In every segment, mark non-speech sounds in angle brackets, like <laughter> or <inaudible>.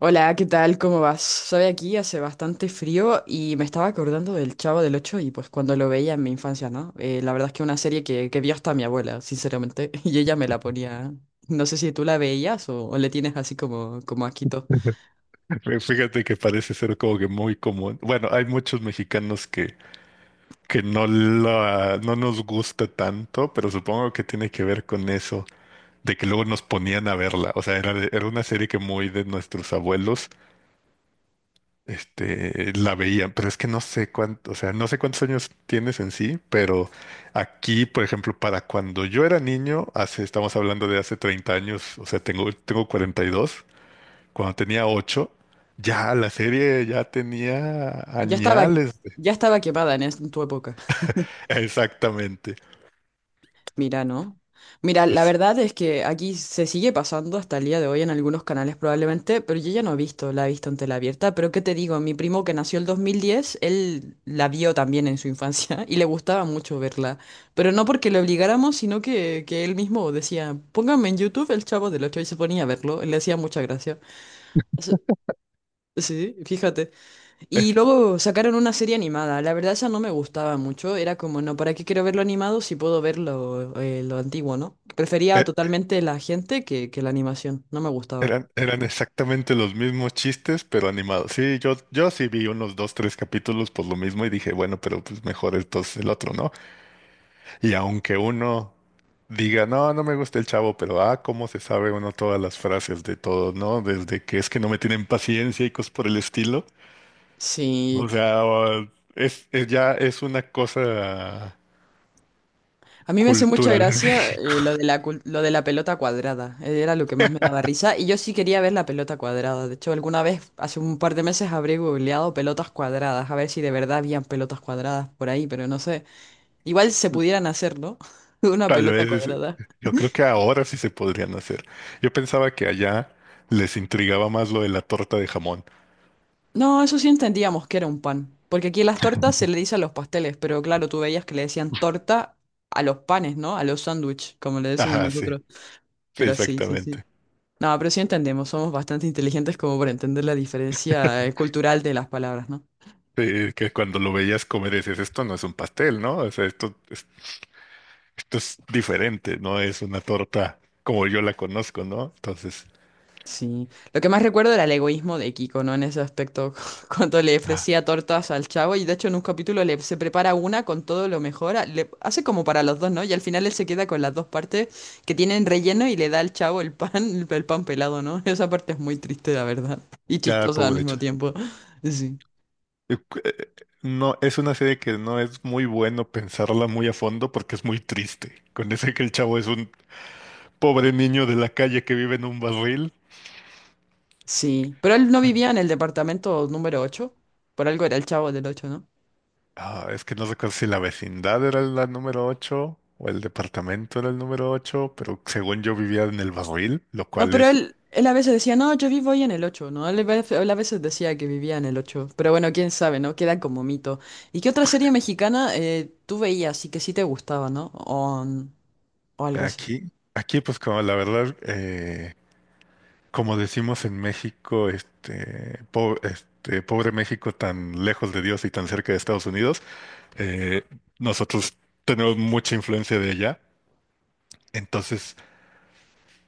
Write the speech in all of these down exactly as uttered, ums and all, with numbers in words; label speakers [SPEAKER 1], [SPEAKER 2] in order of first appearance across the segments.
[SPEAKER 1] Hola, ¿qué tal? ¿Cómo vas? Sabe, aquí hace bastante frío y me estaba acordando del Chavo del Ocho y pues cuando lo veía en mi infancia, ¿no? Eh, la verdad es que una serie que, que vio hasta mi abuela, sinceramente, <laughs> y ella me la ponía. No sé si tú la veías o, o le tienes así como, como asquito.
[SPEAKER 2] <laughs> Fí- Fíjate que parece ser como que muy común. Bueno, hay muchos mexicanos que, que no, la, no nos gusta tanto, pero supongo que tiene que ver con eso, de que luego nos ponían a verla. O sea, era, de- era una serie que muy de nuestros abuelos, este, la veían, pero es que no sé cuánto, o sea, no sé cuántos años tienes en sí, pero aquí, por ejemplo, para cuando yo era niño, hace, estamos hablando de hace treinta años, o sea, tengo, tengo cuarenta y dos. Cuando tenía ocho, ya la serie ya tenía
[SPEAKER 1] Ya estaba,
[SPEAKER 2] añales. de-
[SPEAKER 1] ya estaba quemada en, es- en tu época.
[SPEAKER 2] <laughs> Exactamente.
[SPEAKER 1] Mira, ¿no? Mira, la
[SPEAKER 2] Pues,
[SPEAKER 1] verdad es que aquí se sigue pasando hasta el día de hoy en algunos canales probablemente, pero yo ya no he visto, la he visto en tela abierta, pero ¿qué te digo? Mi primo que nació el dos mil diez, él la vio también en su infancia <laughs> y le gustaba mucho verla, pero no porque le obligáramos, sino que, que él mismo decía, pónganme en YouTube el Chavo del Ocho y se ponía a verlo, le hacía mucha gracia. Sí, sí, fíjate. Y
[SPEAKER 2] es-
[SPEAKER 1] luego sacaron una serie animada. La verdad, esa no me gustaba mucho. Era como, no, ¿para qué quiero verlo animado si puedo verlo eh, lo antiguo, ¿no? Prefería
[SPEAKER 2] e-
[SPEAKER 1] totalmente la gente que, que la animación. No me gustaba.
[SPEAKER 2] eran, eran exactamente los mismos chistes, pero animados. Sí, yo, yo sí vi unos dos, tres capítulos por lo mismo y dije, bueno, pero pues mejor entonces el otro, ¿no? Y aunque uno diga, no, no me gusta el chavo, pero ah, cómo se sabe uno todas las frases de todo, ¿no? Desde que es que no me tienen paciencia y cosas por el estilo.
[SPEAKER 1] Sí,
[SPEAKER 2] O sea, es, es- ya es una cosa
[SPEAKER 1] a mí me hace mucha
[SPEAKER 2] cultural en
[SPEAKER 1] gracia eh,
[SPEAKER 2] México.
[SPEAKER 1] lo de la, cul- lo de la pelota cuadrada. eh, Era lo que más me daba risa. Y yo sí quería ver la pelota cuadrada. De hecho, alguna vez, hace un par de meses, habré googleado pelotas cuadradas. A ver si de verdad habían pelotas cuadradas por ahí, pero no sé. Igual se pudieran hacer, ¿no? <laughs>
[SPEAKER 2] <laughs>
[SPEAKER 1] Una
[SPEAKER 2] Tal
[SPEAKER 1] pelota
[SPEAKER 2] vez,
[SPEAKER 1] cuadrada.
[SPEAKER 2] yo creo que ahora sí se podrían hacer. Yo pensaba que allá les intrigaba más lo de la torta de jamón.
[SPEAKER 1] No, eso sí entendíamos que era un pan, porque aquí las tortas se le dice a los pasteles, pero claro, tú veías que le decían torta a los panes, ¿no? A los sándwiches, como le
[SPEAKER 2] <laughs>
[SPEAKER 1] decimos
[SPEAKER 2] Ajá, sí,
[SPEAKER 1] nosotros.
[SPEAKER 2] sí,
[SPEAKER 1] Pero sí, sí, sí.
[SPEAKER 2] exactamente.
[SPEAKER 1] No, pero sí entendemos, somos bastante inteligentes como para entender la diferencia eh, cultural de las palabras, ¿no?
[SPEAKER 2] Sí, que cuando lo veías comer decías, esto no es un pastel, ¿no? O sea, esto, es- esto es diferente, no es una torta como yo la conozco, ¿no? Entonces,
[SPEAKER 1] Sí, lo que más recuerdo era el egoísmo de Kiko, ¿no? En ese aspecto, <laughs> cuando le
[SPEAKER 2] ah,
[SPEAKER 1] ofrecía tortas al chavo y de hecho en un capítulo le, se prepara una con todo lo mejor, a- le hace como para los dos, ¿no? Y al final él se queda con las dos partes que tienen relleno y le da al chavo el pan, <laughs> el, pan pelado, ¿no? <laughs> Esa parte es muy triste, la verdad, y
[SPEAKER 2] ya,
[SPEAKER 1] chistosa al
[SPEAKER 2] pobre
[SPEAKER 1] mismo
[SPEAKER 2] cha-
[SPEAKER 1] tiempo. <laughs> Sí,
[SPEAKER 2] Eh, cu- eh, no, es una serie que no es muy bueno pensarla muy a fondo porque es muy triste. Con ese que el chavo es un pobre niño de la calle que vive en un barril.
[SPEAKER 1] sí, pero él no vivía en el departamento número ocho, por algo era el chavo del ocho, ¿no?
[SPEAKER 2] Ah, es que no recuerdo si la vecindad era la número ocho o el departamento era el número ocho, pero según yo vivía en el barril, lo
[SPEAKER 1] No,
[SPEAKER 2] cual
[SPEAKER 1] pero
[SPEAKER 2] es
[SPEAKER 1] él, él a veces decía, no, yo vivo ahí en el ocho, ¿no? Él, a vez- él a veces decía que vivía en el ocho, pero bueno, quién sabe, ¿no? Queda como mito. ¿Y qué otra serie mexicana eh, tú veías y que sí te gustaba, ¿no? O, mm, o algo así.
[SPEAKER 2] aquí. Aquí, pues como la verdad, eh, como decimos en México, este, po- este, pobre México tan lejos de Dios y tan cerca de Estados Unidos, eh, nosotros tenemos mucha influencia de allá. Entonces,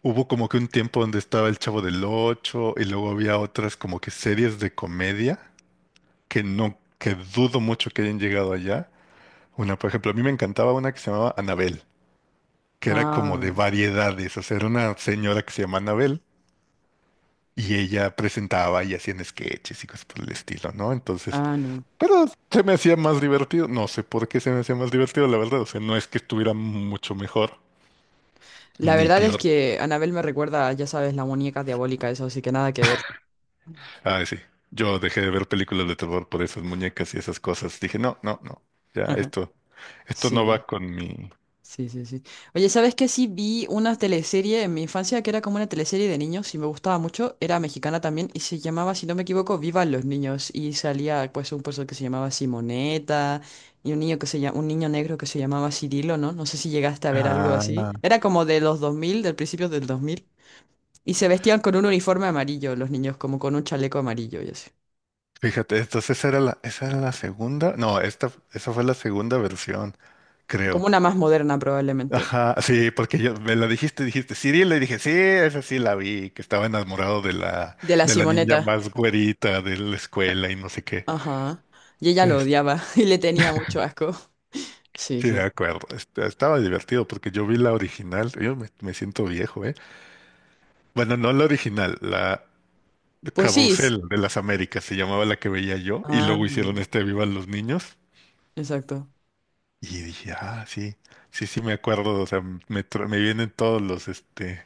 [SPEAKER 2] hubo como que un tiempo donde estaba El Chavo del Ocho y luego había otras como que series de comedia que no, que dudo mucho que hayan llegado allá. Una, por ejemplo, a mí me encantaba una que se llamaba Anabel, que era como
[SPEAKER 1] Ah,
[SPEAKER 2] de variedades, o sea, era una señora que se llama Anabel y ella presentaba y hacían sketches y cosas por el estilo, ¿no? Entonces,
[SPEAKER 1] ah, no.
[SPEAKER 2] pero se me hacía más divertido, no sé por qué se me hacía más divertido, la verdad, o sea, no es que estuviera mucho mejor
[SPEAKER 1] La
[SPEAKER 2] ni
[SPEAKER 1] verdad es
[SPEAKER 2] peor.
[SPEAKER 1] que Anabel me recuerda, ya sabes, la muñeca diabólica, eso, así que nada que ver.
[SPEAKER 2] Ay, sí. Yo dejé de ver películas de terror por esas muñecas y esas cosas. Dije, no, no, no. Ya,
[SPEAKER 1] <laughs>
[SPEAKER 2] esto, esto no va
[SPEAKER 1] Sí.
[SPEAKER 2] con mi.
[SPEAKER 1] Sí, sí, sí. Oye, ¿sabes qué? Sí vi una teleserie en mi infancia que era como una teleserie de niños y me gustaba mucho. Era mexicana también y se llamaba, si no me equivoco, Vivan los niños. Y salía pues un personaje que se llamaba Simoneta y un niño que se llama, un niño negro que se llamaba Cirilo, ¿no? No sé si llegaste a ver algo
[SPEAKER 2] Ah,
[SPEAKER 1] así. Era como de los dos mil del principio del dos mil. Y se vestían con un uniforme amarillo los niños, como con un chaleco amarillo y así.
[SPEAKER 2] fíjate, entonces esa era la, esa era la segunda. No, esta, esa fue la segunda versión,
[SPEAKER 1] Como
[SPEAKER 2] creo.
[SPEAKER 1] una más moderna probablemente.
[SPEAKER 2] Ajá, sí, porque yo me la dijiste, dijiste, Cyril, le dije, sí, esa sí la vi, que estaba enamorado de la,
[SPEAKER 1] De la
[SPEAKER 2] de la niña
[SPEAKER 1] Simoneta.
[SPEAKER 2] más güerita de la escuela y no sé qué.
[SPEAKER 1] Ajá. Y ella lo
[SPEAKER 2] Es-
[SPEAKER 1] odiaba <laughs> y le tenía mucho asco. Sí,
[SPEAKER 2] sí,
[SPEAKER 1] sí,
[SPEAKER 2] de
[SPEAKER 1] sí.
[SPEAKER 2] acuerdo. Est- Estaba divertido porque yo vi la original. Yo me, me siento viejo, ¿eh? Bueno, no la original, la
[SPEAKER 1] Pues sí. s-
[SPEAKER 2] Carrusel de las Américas se llamaba la que veía yo, y
[SPEAKER 1] Ah,
[SPEAKER 2] luego hicieron este Vivan los Niños,
[SPEAKER 1] exacto.
[SPEAKER 2] y dije, ah, sí, sí, sí, me acuerdo, o sea, me, tra- me vienen todos los, este,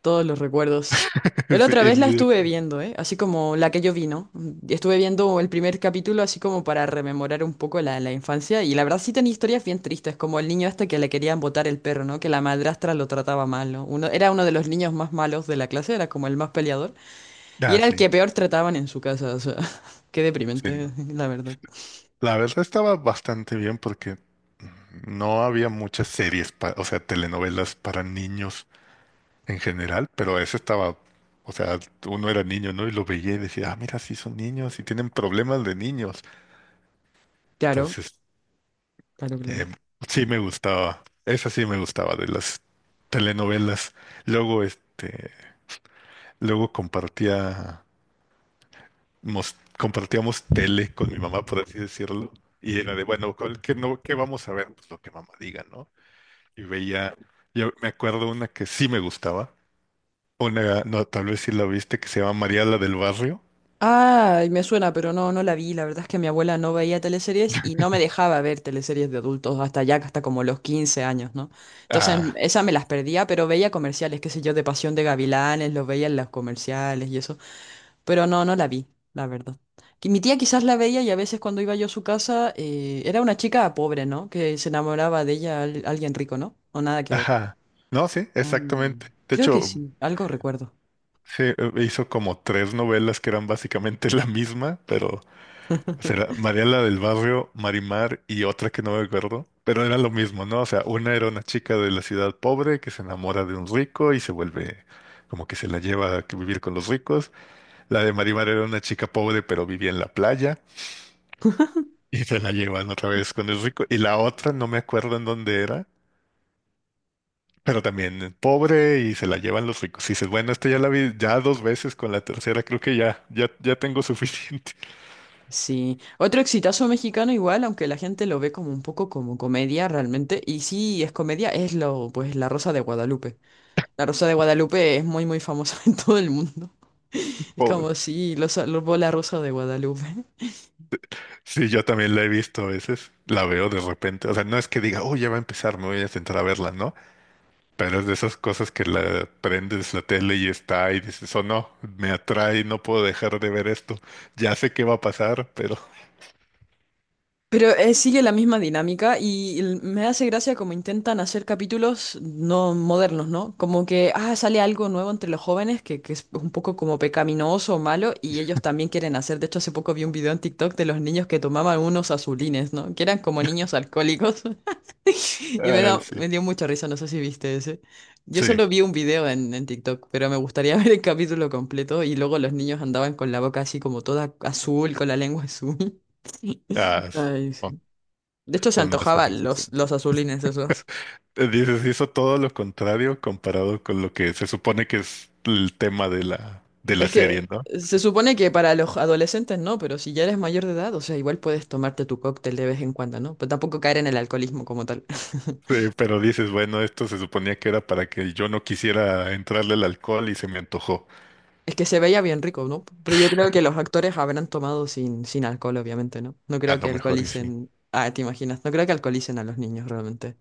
[SPEAKER 1] Todos los recuerdos. Yo
[SPEAKER 2] <laughs>
[SPEAKER 1] la
[SPEAKER 2] sí,
[SPEAKER 1] otra vez
[SPEAKER 2] en
[SPEAKER 1] la
[SPEAKER 2] mi-
[SPEAKER 1] estuve viendo, ¿eh? Así como la que yo vi, ¿no? Mm, Estuve viendo el primer capítulo así como para rememorar un poco la, la infancia y la verdad sí tenía historias bien tristes, como el niño este que le querían botar el perro, ¿no? Que la madrastra lo trataba mal, ¿no? Uno, era uno de los niños más malos de la clase, era como el más peleador y
[SPEAKER 2] ah,
[SPEAKER 1] era el
[SPEAKER 2] sí,
[SPEAKER 1] que peor trataban en su casa, o sea, <laughs> qué
[SPEAKER 2] sí,
[SPEAKER 1] deprimente,
[SPEAKER 2] no.
[SPEAKER 1] <laughs> la verdad.
[SPEAKER 2] La verdad estaba bastante bien porque no había muchas series, pa- o sea, telenovelas para niños en general, pero eso estaba, o sea, uno era niño, ¿no? Y lo veía y decía, ah, mira, sí son niños y tienen problemas de niños.
[SPEAKER 1] Claro,
[SPEAKER 2] Entonces,
[SPEAKER 1] claro,
[SPEAKER 2] eh,
[SPEAKER 1] claro.
[SPEAKER 2] sí me gustaba, esa sí me gustaba de las telenovelas. Luego, este, luego compartía, mos- compartíamos tele con mi mamá, por así decirlo, y era de, bueno, ¿cuál- ¿qué, no, qué vamos a ver? Pues lo que mamá diga, ¿no? Y veía, yo me acuerdo una que sí me gustaba, una, no, tal vez sí la viste, que se llama María la del Barrio.
[SPEAKER 1] Ay, me suena, pero no, no la vi. La verdad es que mi abuela no veía teleseries y no me dejaba ver teleseries de adultos hasta ya, hasta como los quince años, ¿no? Entonces,
[SPEAKER 2] Ah,
[SPEAKER 1] esa me las perdía, pero veía comerciales, qué sé yo, de Pasión de Gavilanes, los veía en los comerciales y eso. Pero no, no la vi, la verdad. Que mi tía quizás la veía y a veces cuando iba yo a su casa, eh, era una chica pobre, ¿no? Que se enamoraba de ella al- alguien rico, ¿no? O nada que ver.
[SPEAKER 2] ajá, no, sí,
[SPEAKER 1] Ah,
[SPEAKER 2] exactamente. De
[SPEAKER 1] creo que
[SPEAKER 2] hecho,
[SPEAKER 1] sí, algo recuerdo.
[SPEAKER 2] se eh, hizo como tres novelas que eran básicamente <laughs> la misma, pero... O sea, era
[SPEAKER 1] <laughs>
[SPEAKER 2] María la del Barrio, Marimar y otra que no me acuerdo, pero era lo mismo, ¿no? O sea, una era una chica de la ciudad pobre que se enamora de un rico y se vuelve como que se la lleva a que vivir con los ricos. La de Marimar era una chica pobre pero vivía en la playa y se la llevan otra vez con el rico. Y la otra no me acuerdo en dónde era, pero también pobre y se la llevan los ricos. Y dices, bueno, esta ya la vi ya dos veces, con la tercera creo que ya, ya, ya tengo suficiente.
[SPEAKER 1] Sí, otro exitazo mexicano igual, aunque la gente lo ve como un poco como comedia realmente, y sí es comedia, es lo, pues La Rosa de Guadalupe. La Rosa de Guadalupe es muy muy famosa <laughs> en todo el mundo. Es como
[SPEAKER 2] <laughs>
[SPEAKER 1] si los salvó La Rosa de Guadalupe.
[SPEAKER 2] Sí, yo también la he visto a veces, la veo de repente, o sea, no es que diga, oh, ya va a empezar, me voy a sentar a verla, ¿no? Pero es de esas cosas que la prendes la tele y está y dices, oh, no, me atrae, no puedo dejar de ver esto, ya sé qué va a pasar, pero...
[SPEAKER 1] Pero eh, sigue la misma dinámica y l- me hace gracia como intentan hacer capítulos no modernos, ¿no? Como que, ah, sale algo nuevo entre los jóvenes que, que es un poco como pecaminoso o malo y ellos también quieren hacer. De hecho, hace poco vi un video en TikTok de los niños que tomaban unos azulines, ¿no? Que eran como niños alcohólicos <laughs>
[SPEAKER 2] <laughs>
[SPEAKER 1] y me
[SPEAKER 2] ay,
[SPEAKER 1] da,
[SPEAKER 2] sí,
[SPEAKER 1] me dio mucha risa, no sé si viste ese. Yo
[SPEAKER 2] sí,
[SPEAKER 1] solo vi un video en, en TikTok, pero me gustaría <laughs> ver el capítulo completo y luego los niños andaban con la boca así como toda azul, con la lengua azul. <laughs>
[SPEAKER 2] ah, s-
[SPEAKER 1] Ay,
[SPEAKER 2] son,
[SPEAKER 1] de hecho, se
[SPEAKER 2] son las series
[SPEAKER 1] antojaban los,
[SPEAKER 2] excelentes.
[SPEAKER 1] los azulines esos.
[SPEAKER 2] Eh, Dices, hizo todo lo contrario comparado con lo que se supone que es el tema de la, de la
[SPEAKER 1] Es que
[SPEAKER 2] serie, ¿no?
[SPEAKER 1] se supone que para los adolescentes no, pero si ya eres mayor de edad, o sea, igual puedes tomarte tu cóctel de vez en cuando, ¿no? Pero tampoco caer en el alcoholismo como tal.
[SPEAKER 2] Sí,
[SPEAKER 1] <laughs>
[SPEAKER 2] pero dices, bueno, esto se suponía que era para que yo no quisiera entrarle al alcohol y se me antojó.
[SPEAKER 1] Es que se veía bien rico, ¿no? Pero yo creo que los actores habrán tomado sin, sin alcohol, obviamente, ¿no? No
[SPEAKER 2] A
[SPEAKER 1] creo que
[SPEAKER 2] lo mejor y sí.
[SPEAKER 1] alcoholicen. Ah, te imaginas. No creo que alcoholicen a los niños realmente.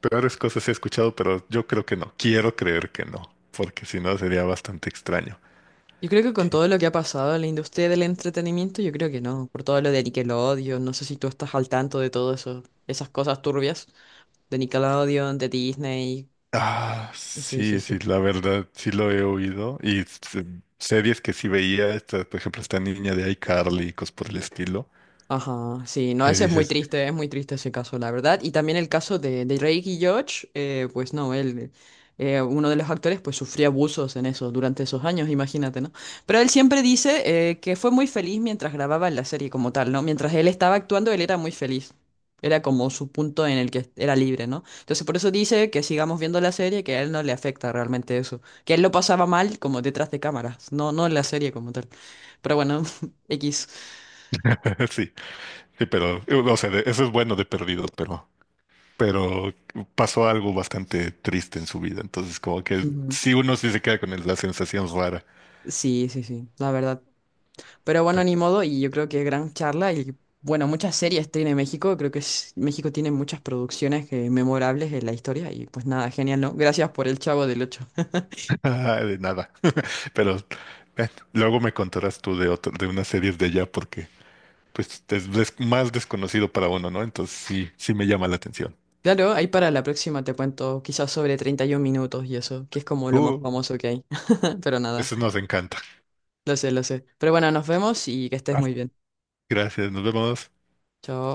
[SPEAKER 2] Peores cosas he escuchado, pero yo creo que no. Quiero creer que no, porque si no sería bastante extraño.
[SPEAKER 1] Yo creo que con
[SPEAKER 2] ¿Qué?
[SPEAKER 1] todo lo que ha pasado en la industria del entretenimiento, yo creo que no. Por todo lo de Nickelodeon, no sé si tú estás al tanto de todo eso, esas cosas turbias. De Nickelodeon, de Disney.
[SPEAKER 2] Ah,
[SPEAKER 1] Sí, sí,
[SPEAKER 2] sí, sí,
[SPEAKER 1] sí.
[SPEAKER 2] la verdad, sí lo he oído. Y s- series que sí veía, esta, por ejemplo, esta niña de iCarly y cosas por el estilo,
[SPEAKER 1] Ajá, sí, no,
[SPEAKER 2] que
[SPEAKER 1] ese es muy
[SPEAKER 2] dices,
[SPEAKER 1] triste, es muy triste ese caso, la verdad. Y también el caso de, de Drake y Josh, eh, pues no, él, eh, uno de los actores, pues sufrió abusos en eso durante esos años, imagínate, ¿no? Pero él siempre dice eh, que fue muy feliz mientras grababa la serie como tal, ¿no? Mientras él estaba actuando, él era muy feliz. Era como su punto en el que era libre, ¿no? Entonces por eso dice que sigamos viendo la serie, que a él no le afecta realmente eso. Que él lo pasaba mal como detrás de cámaras, no, no en la serie como tal. Pero bueno, <laughs> X.
[SPEAKER 2] <laughs> sí, sí, pero, o sea, de- eso es bueno de perdido, pero... pero pasó algo bastante triste en su vida, entonces como que
[SPEAKER 1] Ujú.
[SPEAKER 2] sí uno sí se queda con el- la sensación rara.
[SPEAKER 1] Sí, sí, sí, la verdad. Pero bueno,
[SPEAKER 2] pe-
[SPEAKER 1] ni modo, y yo creo que gran charla. Y bueno, muchas series tiene México. Creo que es- México tiene muchas producciones eh, memorables en la historia. Y pues nada, genial, ¿no? Gracias por el Chavo del ocho. <laughs>
[SPEAKER 2] <laughs> Ah, de nada, <laughs> pero eh, luego me contarás tú de otro, de unas series de allá porque pues es des- más desconocido para uno, ¿no? Entonces sí, sí me llama la atención.
[SPEAKER 1] Claro, ahí para la próxima te cuento quizás sobre treinta y uno minutos y eso, que es como lo más
[SPEAKER 2] Uh,
[SPEAKER 1] famoso que hay. <laughs> Pero nada,
[SPEAKER 2] eso nos encanta.
[SPEAKER 1] lo sé, lo sé. Pero bueno, nos vemos y que estés
[SPEAKER 2] Ah,
[SPEAKER 1] muy bien.
[SPEAKER 2] gracias, nos vemos.
[SPEAKER 1] Chao.